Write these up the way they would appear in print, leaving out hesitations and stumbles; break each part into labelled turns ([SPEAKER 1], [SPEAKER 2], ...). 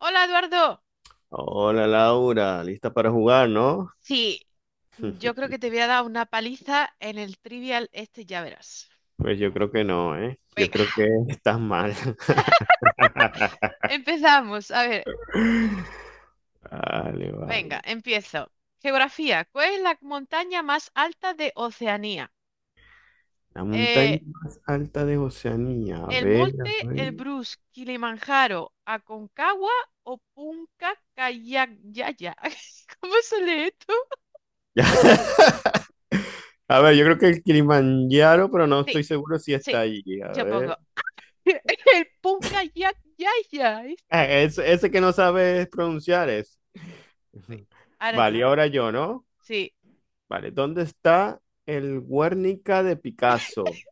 [SPEAKER 1] Hola, Eduardo.
[SPEAKER 2] Hola Laura, ¿lista para jugar, no?
[SPEAKER 1] Sí, yo creo que te voy a dar una paliza en el trivial este, ya verás.
[SPEAKER 2] Pues yo creo que no, ¿eh? Yo
[SPEAKER 1] Venga,
[SPEAKER 2] creo que estás mal.
[SPEAKER 1] empezamos. A ver,
[SPEAKER 2] Vale,
[SPEAKER 1] venga,
[SPEAKER 2] vale.
[SPEAKER 1] empiezo. Geografía, ¿cuál es la montaña más alta de Oceanía?
[SPEAKER 2] La
[SPEAKER 1] Eh,
[SPEAKER 2] montaña más alta de Oceanía. A
[SPEAKER 1] ¿El
[SPEAKER 2] ver,
[SPEAKER 1] Monte
[SPEAKER 2] a ver.
[SPEAKER 1] Elbrus, Kilimanjaro, Aconcagua o Punca Kayakaya? ¿Cómo se lee esto?
[SPEAKER 2] Ya. A ver, yo creo que el Kilimanjaro, pero no estoy
[SPEAKER 1] Sí,
[SPEAKER 2] seguro si
[SPEAKER 1] sí,
[SPEAKER 2] está allí. A
[SPEAKER 1] yo pongo
[SPEAKER 2] ver.
[SPEAKER 1] el Punca Kayakaya. Este.
[SPEAKER 2] Ese que no sabes pronunciar es.
[SPEAKER 1] Ahora
[SPEAKER 2] Vale, y
[SPEAKER 1] tú,
[SPEAKER 2] ahora yo, ¿no?
[SPEAKER 1] sí.
[SPEAKER 2] Vale, ¿dónde está el Guernica de Picasso?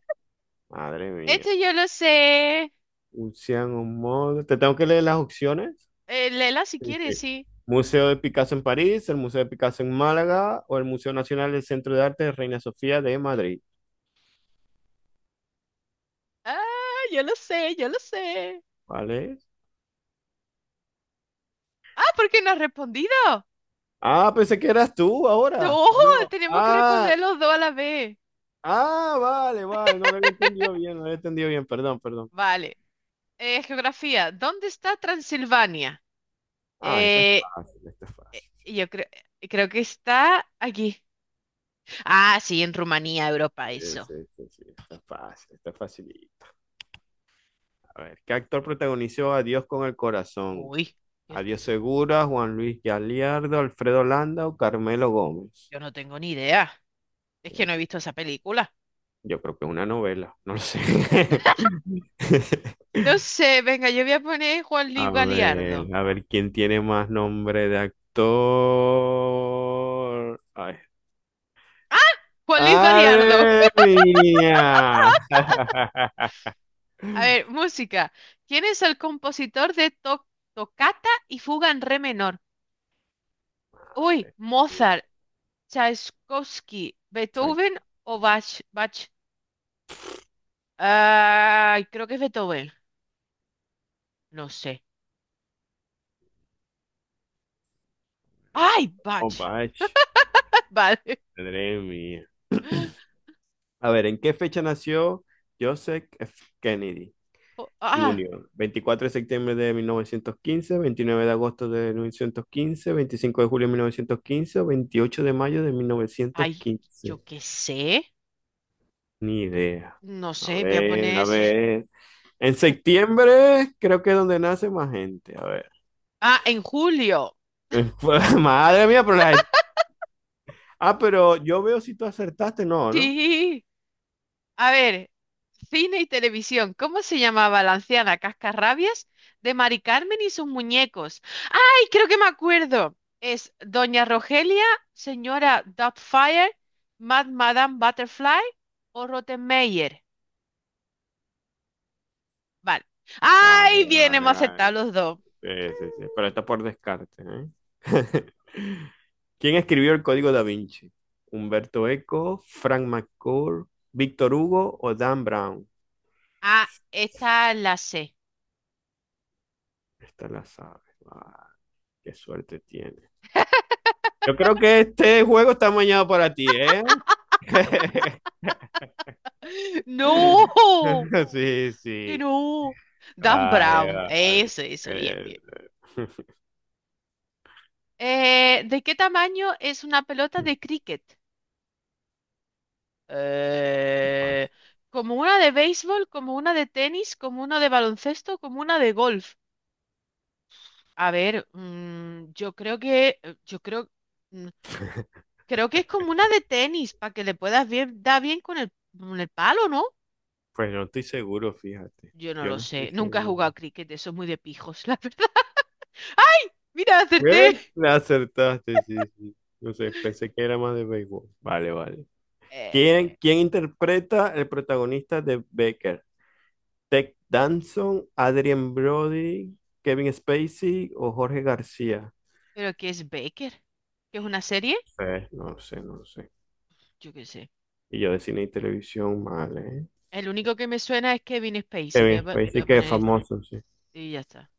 [SPEAKER 2] Madre mía.
[SPEAKER 1] Esto yo lo sé.
[SPEAKER 2] Un Modo. Te tengo que leer las opciones.
[SPEAKER 1] Lela, si
[SPEAKER 2] Sí,
[SPEAKER 1] quieres,
[SPEAKER 2] sí.
[SPEAKER 1] sí.
[SPEAKER 2] Museo de Picasso en París, el Museo de Picasso en Málaga o el Museo Nacional del Centro de Arte de Reina Sofía de Madrid.
[SPEAKER 1] Ah, yo lo sé, yo lo sé.
[SPEAKER 2] ¿Vale?
[SPEAKER 1] Ah, ¿por qué no has respondido?
[SPEAKER 2] Ah, pensé que eras tú ahora.
[SPEAKER 1] No,
[SPEAKER 2] ¿O no?
[SPEAKER 1] tenemos que responder los dos a la vez.
[SPEAKER 2] Vale, vale. No lo había entendido bien, no lo había entendido bien. Perdón, perdón.
[SPEAKER 1] Vale. Geografía. ¿Dónde está Transilvania?
[SPEAKER 2] Ah, esta es
[SPEAKER 1] Eh,
[SPEAKER 2] fácil, esta es fácil.
[SPEAKER 1] yo creo, Creo que está aquí. Ah, sí, en Rumanía, Europa,
[SPEAKER 2] Sí,
[SPEAKER 1] eso.
[SPEAKER 2] sí, sí, sí, esta es fácil, esta es facilita. A ver, ¿qué actor protagonizó a Dios con el corazón?
[SPEAKER 1] Uy, yo,
[SPEAKER 2] Ariel Segura, Juan Luis Galiardo, Alfredo Landa Carmelo Gómez.
[SPEAKER 1] yo no tengo ni idea. Es
[SPEAKER 2] Que
[SPEAKER 1] que no he visto esa película.
[SPEAKER 2] Yo creo que es una novela, no lo sé.
[SPEAKER 1] No sé, venga, yo voy a poner Juan Luis Galiardo.
[SPEAKER 2] A ver quién tiene más nombre de actor. Ay.
[SPEAKER 1] Juan Luis Galiardo.
[SPEAKER 2] ¡Madre mía!
[SPEAKER 1] A ver, música. ¿Quién es el compositor de Tocata y Fuga en Re menor? Uy, Mozart, Tchaikovsky,
[SPEAKER 2] Chac-
[SPEAKER 1] Beethoven o Bach. Bach. Ay, creo que es Beethoven. No sé. Ay, Bach.
[SPEAKER 2] Opa, ch-
[SPEAKER 1] Vale.
[SPEAKER 2] madre mía. A ver, ¿en qué fecha nació Joseph F. Kennedy
[SPEAKER 1] Jo- Ah,
[SPEAKER 2] Junior? 24 de septiembre de 1915, 29 de agosto de 1915, 25 de julio de 1915, veintiocho de mayo de mil novecientos
[SPEAKER 1] Ay, yo
[SPEAKER 2] quince.
[SPEAKER 1] qué sé.
[SPEAKER 2] Ni idea.
[SPEAKER 1] No
[SPEAKER 2] A
[SPEAKER 1] sé, voy a
[SPEAKER 2] ver,
[SPEAKER 1] poner...
[SPEAKER 2] a ver. En septiembre creo que es donde nace más gente. A ver.
[SPEAKER 1] Ah, en julio.
[SPEAKER 2] Madre mía, pero la... Ah, pero yo veo si tú acertaste, no, ¿no?
[SPEAKER 1] Sí. A ver, cine y televisión. ¿Cómo se llamaba la anciana Cascarrabias de Mari Carmen y sus muñecos? ¡Ay, creo que me acuerdo! Es Doña Rogelia, señora Doubtfire, Mad Madame Butterfly o Rottenmeier. Vale. ¡Ay,
[SPEAKER 2] Vale,
[SPEAKER 1] bien,
[SPEAKER 2] vale,
[SPEAKER 1] hemos aceptado
[SPEAKER 2] vale.
[SPEAKER 1] los dos!
[SPEAKER 2] Sí, sí, sí, pero está por descarte, ¿eh? ¿Quién escribió el Código da Vinci? ¿Humberto Eco, Frank McCourt, Víctor Hugo o Dan Brown?
[SPEAKER 1] Ah, esta la sé.
[SPEAKER 2] Esta la sabes. Ah, qué suerte tiene. Yo creo que este juego está mañado para ti, ¿eh?
[SPEAKER 1] ¡No!
[SPEAKER 2] Sí,
[SPEAKER 1] ¡Que
[SPEAKER 2] sí.
[SPEAKER 1] no! Dan
[SPEAKER 2] Vale,
[SPEAKER 1] Brown.
[SPEAKER 2] vale.
[SPEAKER 1] Eso, bien,
[SPEAKER 2] Eh,
[SPEAKER 1] bien. ¿De qué tamaño es una pelota de cricket? Eh, Como una de béisbol, como una de tenis, como una de baloncesto, como una de golf. A ver, yo creo, mm, creo que es como una de tenis, para que le puedas bien, dar bien con con el palo, ¿no?
[SPEAKER 2] Pues no estoy seguro, fíjate.
[SPEAKER 1] Yo no
[SPEAKER 2] Yo
[SPEAKER 1] lo
[SPEAKER 2] no estoy
[SPEAKER 1] sé, nunca he jugado a
[SPEAKER 2] seguro.
[SPEAKER 1] cricket, eso es muy de pijos, la verdad. ¡Ay! Mira, acerté.
[SPEAKER 2] Bien, la acertaste, sí, sí. No sé, pensé que era más de béisbol. Vale, vale.
[SPEAKER 1] Eh,
[SPEAKER 2] ¿Quién interpreta el protagonista de Becker? ¿Ted Danson, Adrien Brody, Kevin Spacey o Jorge García?
[SPEAKER 1] ¿Pero qué es Baker? ¿Qué es una serie?
[SPEAKER 2] No lo sé, no lo sé.
[SPEAKER 1] Yo qué sé.
[SPEAKER 2] Y yo de cine y televisión, mal, ¿eh?
[SPEAKER 1] El único que me suena es Kevin Spacey. Voy a,
[SPEAKER 2] Kevin
[SPEAKER 1] voy
[SPEAKER 2] Spacey,
[SPEAKER 1] a
[SPEAKER 2] que es
[SPEAKER 1] poner este.
[SPEAKER 2] famoso, sí.
[SPEAKER 1] Y ya está.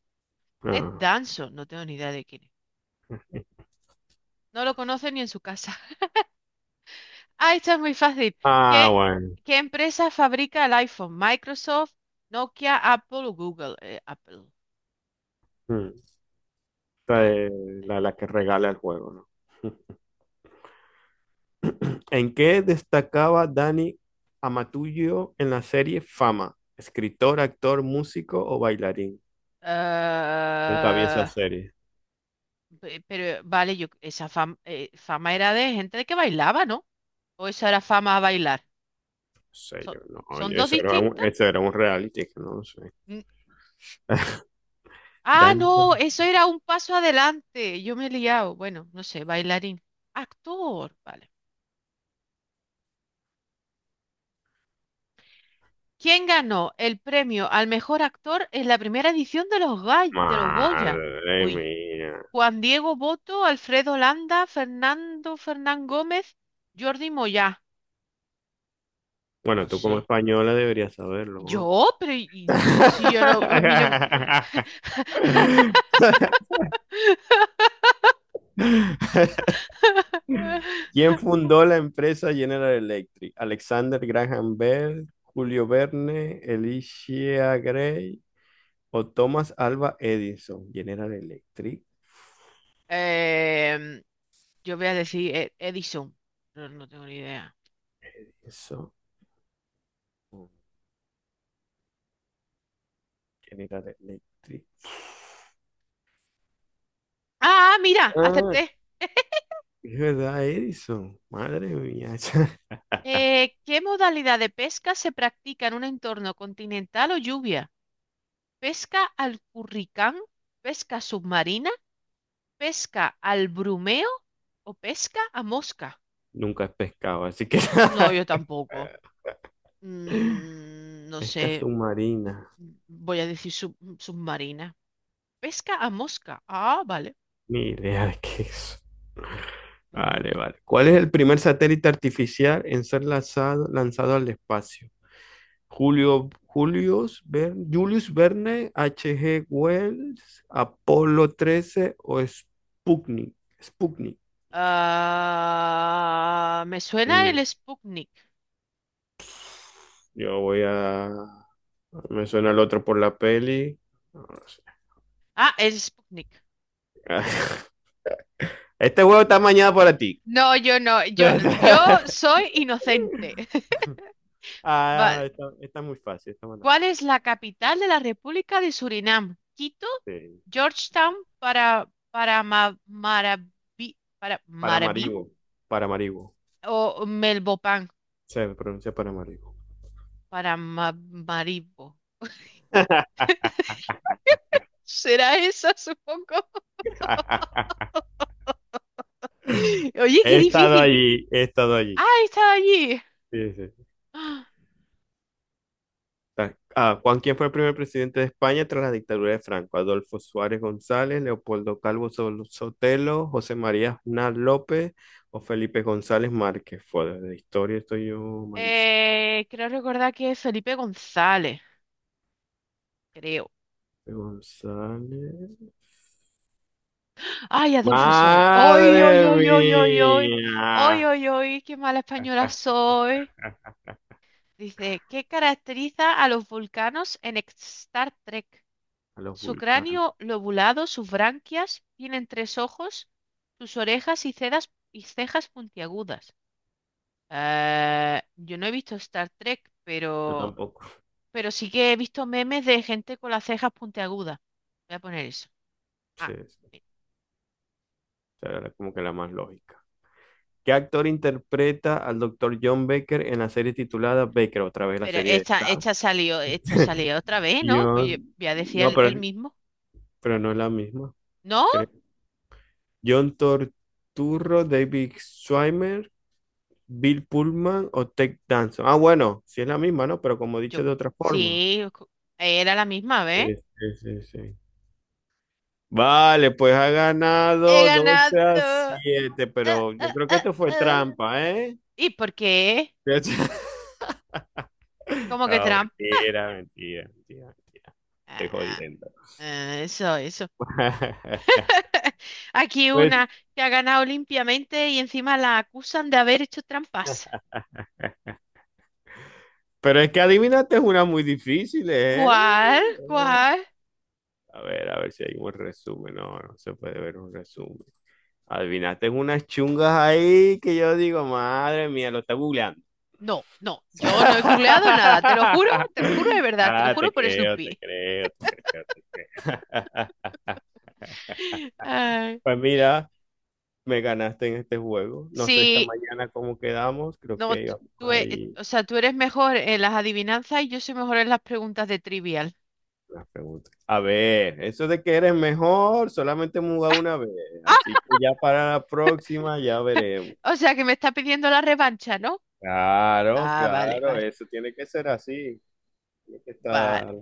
[SPEAKER 1] Ted
[SPEAKER 2] Ah,
[SPEAKER 1] Danson, no tengo ni idea de quién es. No lo conoce ni en su casa. Ah, esta es muy fácil.
[SPEAKER 2] ah,
[SPEAKER 1] ¿Qué,
[SPEAKER 2] bueno.
[SPEAKER 1] ¿Qué empresa fabrica el iPhone? Microsoft, Nokia, Apple o Google. Apple.
[SPEAKER 2] Hmm. Esta
[SPEAKER 1] Ah,
[SPEAKER 2] es
[SPEAKER 1] sí.
[SPEAKER 2] la que regala el juego, ¿no? ¿En qué destacaba Dani Amatullo en la serie Fama? ¿Escritor, actor, músico o bailarín? Nunca vi esa
[SPEAKER 1] Ah,
[SPEAKER 2] serie. No
[SPEAKER 1] pero vale, yo, esa fama era de gente que bailaba, ¿no? ¿O eso era fama a bailar?
[SPEAKER 2] sé,
[SPEAKER 1] So-
[SPEAKER 2] yo no.
[SPEAKER 1] ¿Son
[SPEAKER 2] Oye,
[SPEAKER 1] dos
[SPEAKER 2] eso era un,
[SPEAKER 1] distintas?
[SPEAKER 2] eso era un reality, que no lo sé.
[SPEAKER 1] Mm, Ah,
[SPEAKER 2] Dani.
[SPEAKER 1] no, eso era un paso adelante. Yo me he liado. Bueno, no sé, bailarín. Actor, vale. ¿Quién ganó el premio al mejor actor en la primera edición de los Goya?
[SPEAKER 2] Madre
[SPEAKER 1] Uy,
[SPEAKER 2] mía.
[SPEAKER 1] Juan Diego Boto, Alfredo Landa, Fernando Fernán Gómez, Jordi Moyá. No
[SPEAKER 2] Bueno, tú
[SPEAKER 1] sé.
[SPEAKER 2] como española deberías saberlo, ¿no?
[SPEAKER 1] ¿Yo? Pero si yo no, a mí no.
[SPEAKER 2] ¿Quién fundó la empresa General Electric? Alexander Graham Bell, Julio Verne, Elisha Gray o Thomas Alva Edison. General Electric,
[SPEAKER 1] Em, yo voy a decir Edison. No, no tengo ni idea.
[SPEAKER 2] eso. General Electric.
[SPEAKER 1] Ah, mira,
[SPEAKER 2] Ah,
[SPEAKER 1] acerté.
[SPEAKER 2] es verdad, Edison. Madre mía.
[SPEAKER 1] ¿Qué modalidad de pesca se practica en un entorno continental o lluvia? Pesca al curricán, pesca submarina, pesca al brumeo o pesca a mosca.
[SPEAKER 2] Nunca he pescado, así que
[SPEAKER 1] No, yo tampoco. No
[SPEAKER 2] pesca
[SPEAKER 1] sé,
[SPEAKER 2] submarina.
[SPEAKER 1] voy a decir submarina. Pesca a mosca. Ah, vale.
[SPEAKER 2] Ni idea de qué es.
[SPEAKER 1] Mm.
[SPEAKER 2] Vale, vale. ¿Cuál es el primer satélite artificial en ser lanzado al espacio? Julius Verne, H.G. Wells, Apolo 13 o Sputnik. Sputnik.
[SPEAKER 1] Ah, me suena
[SPEAKER 2] Mm,
[SPEAKER 1] el Sputnik.
[SPEAKER 2] yo voy a... Me suena el otro por la peli. No, no sé.
[SPEAKER 1] Ah, el Sputnik.
[SPEAKER 2] Este juego está mañana para ti.
[SPEAKER 1] No, yo soy inocente.
[SPEAKER 2] Ah,
[SPEAKER 1] Vale.
[SPEAKER 2] está, está muy fácil, está buena.
[SPEAKER 1] ¿Cuál es la capital de la República de Surinam? Quito,
[SPEAKER 2] Sí.
[SPEAKER 1] Georgetown, para Marabí
[SPEAKER 2] Paramaribo, Paramaribo.
[SPEAKER 1] o Melbopan
[SPEAKER 2] Se pronuncia Paramaribo.
[SPEAKER 1] para Ma- Maribo. ¿Será esa, supongo? Oye, qué
[SPEAKER 2] He estado
[SPEAKER 1] difícil.
[SPEAKER 2] allí, he estado allí.
[SPEAKER 1] Ah, estaba allí.
[SPEAKER 2] Sí, sí.
[SPEAKER 1] Ah,
[SPEAKER 2] Ah, Juan, ¿quién fue el primer presidente de España tras la dictadura de Franco? Adolfo Suárez González, Leopoldo Calvo Sotelo, José María Aznar López o Felipe González Márquez. Fue de historia, estoy yo malísimo.
[SPEAKER 1] creo recordar que es Felipe González, creo.
[SPEAKER 2] Felipe González.
[SPEAKER 1] Ay, Adolfo Suárez. Ay, ay,
[SPEAKER 2] ¡Madre
[SPEAKER 1] ay, ay, ay, ay. Ay,
[SPEAKER 2] mía!
[SPEAKER 1] ay, ay, qué mala española soy. Dice, ¿qué caracteriza a los vulcanos en Star Trek?
[SPEAKER 2] A los
[SPEAKER 1] Su
[SPEAKER 2] vulcanos.
[SPEAKER 1] cráneo lobulado, sus branquias, tienen tres ojos, sus orejas y cejas puntiagudas. Yo no he visto Star Trek,
[SPEAKER 2] Yo tampoco.
[SPEAKER 1] pero sí que he visto memes de gente con las cejas puntiagudas. Voy a poner eso.
[SPEAKER 2] Sí,
[SPEAKER 1] Ah,
[SPEAKER 2] sí.
[SPEAKER 1] mira.
[SPEAKER 2] O sea, era como que la más lógica. ¿Qué actor interpreta al doctor John Baker en la serie titulada Baker? Otra vez la
[SPEAKER 1] Pero
[SPEAKER 2] serie de...
[SPEAKER 1] esto salió otra vez, ¿no? Pues yo
[SPEAKER 2] John,
[SPEAKER 1] ya decía
[SPEAKER 2] no,
[SPEAKER 1] el mismo.
[SPEAKER 2] pero no es la misma,
[SPEAKER 1] ¿No?
[SPEAKER 2] creo. John Torturro, David Schwimmer, Bill Pullman o Ted Danson. Ah, bueno, sí es la misma, ¿no? Pero como he
[SPEAKER 1] Yo
[SPEAKER 2] dicho de otra forma.
[SPEAKER 1] sí, era la misma
[SPEAKER 2] Sí,
[SPEAKER 1] vez.
[SPEAKER 2] sí, sí, sí. Vale, pues ha
[SPEAKER 1] He
[SPEAKER 2] ganado
[SPEAKER 1] ganado.
[SPEAKER 2] 12 a
[SPEAKER 1] Ah,
[SPEAKER 2] 7 pero yo
[SPEAKER 1] ah,
[SPEAKER 2] creo que
[SPEAKER 1] ah,
[SPEAKER 2] esto fue
[SPEAKER 1] ah.
[SPEAKER 2] trampa, ¿eh?
[SPEAKER 1] ¿Y por qué? ¿Cómo que
[SPEAKER 2] No,
[SPEAKER 1] trampa?
[SPEAKER 2] mentira, mentira, mentira, mentira. Estoy
[SPEAKER 1] Ah,
[SPEAKER 2] jodiendo.
[SPEAKER 1] ah, eso, eso. Aquí
[SPEAKER 2] Pues
[SPEAKER 1] una que ha ganado limpiamente y encima la acusan de haber hecho trampas.
[SPEAKER 2] pero es que adivinaste es una muy difícil, ¿eh?
[SPEAKER 1] ¿Cuál?
[SPEAKER 2] Eh,
[SPEAKER 1] ¿Cuál?
[SPEAKER 2] A ver si hay un resumen. No, no se puede ver un resumen. Adivinaste unas chungas ahí que yo digo, madre mía, lo está googleando.
[SPEAKER 1] No, no, yo no he googleado nada, te lo juro de verdad, te lo
[SPEAKER 2] Ah,
[SPEAKER 1] juro
[SPEAKER 2] te
[SPEAKER 1] por
[SPEAKER 2] creo, te
[SPEAKER 1] Snoopy.
[SPEAKER 2] creo, te creo, te creo.
[SPEAKER 1] Ay.
[SPEAKER 2] Pues mira, me ganaste en este juego. No sé esta
[SPEAKER 1] Sí,
[SPEAKER 2] mañana cómo quedamos. Creo
[SPEAKER 1] no,
[SPEAKER 2] que
[SPEAKER 1] tú,
[SPEAKER 2] íbamos
[SPEAKER 1] tú e-
[SPEAKER 2] ahí.
[SPEAKER 1] o sea, tú eres mejor en las adivinanzas y yo soy mejor en las preguntas de trivial.
[SPEAKER 2] Las preguntas. A ver, eso de que eres mejor, solamente hemos jugado una vez.
[SPEAKER 1] Ah,
[SPEAKER 2] Así que ya para la próxima ya veremos.
[SPEAKER 1] o sea que me está pidiendo la revancha, ¿no?
[SPEAKER 2] Claro,
[SPEAKER 1] Ah, vale,
[SPEAKER 2] claro,
[SPEAKER 1] vale,
[SPEAKER 2] eso tiene que ser así. Tiene que
[SPEAKER 1] vale.
[SPEAKER 2] estar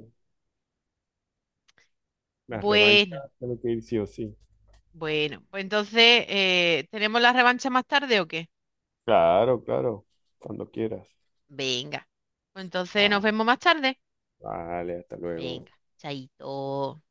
[SPEAKER 2] la revancha,
[SPEAKER 1] Bueno,
[SPEAKER 2] tiene que ir sí o sí.
[SPEAKER 1] bueno, pues entonces, ¿tenemos la revancha más tarde o qué?
[SPEAKER 2] Claro, claro, cuando quieras.
[SPEAKER 1] Venga, pues entonces nos
[SPEAKER 2] Ah,
[SPEAKER 1] vemos más tarde.
[SPEAKER 2] vale, hasta luego.
[SPEAKER 1] Venga, chaito.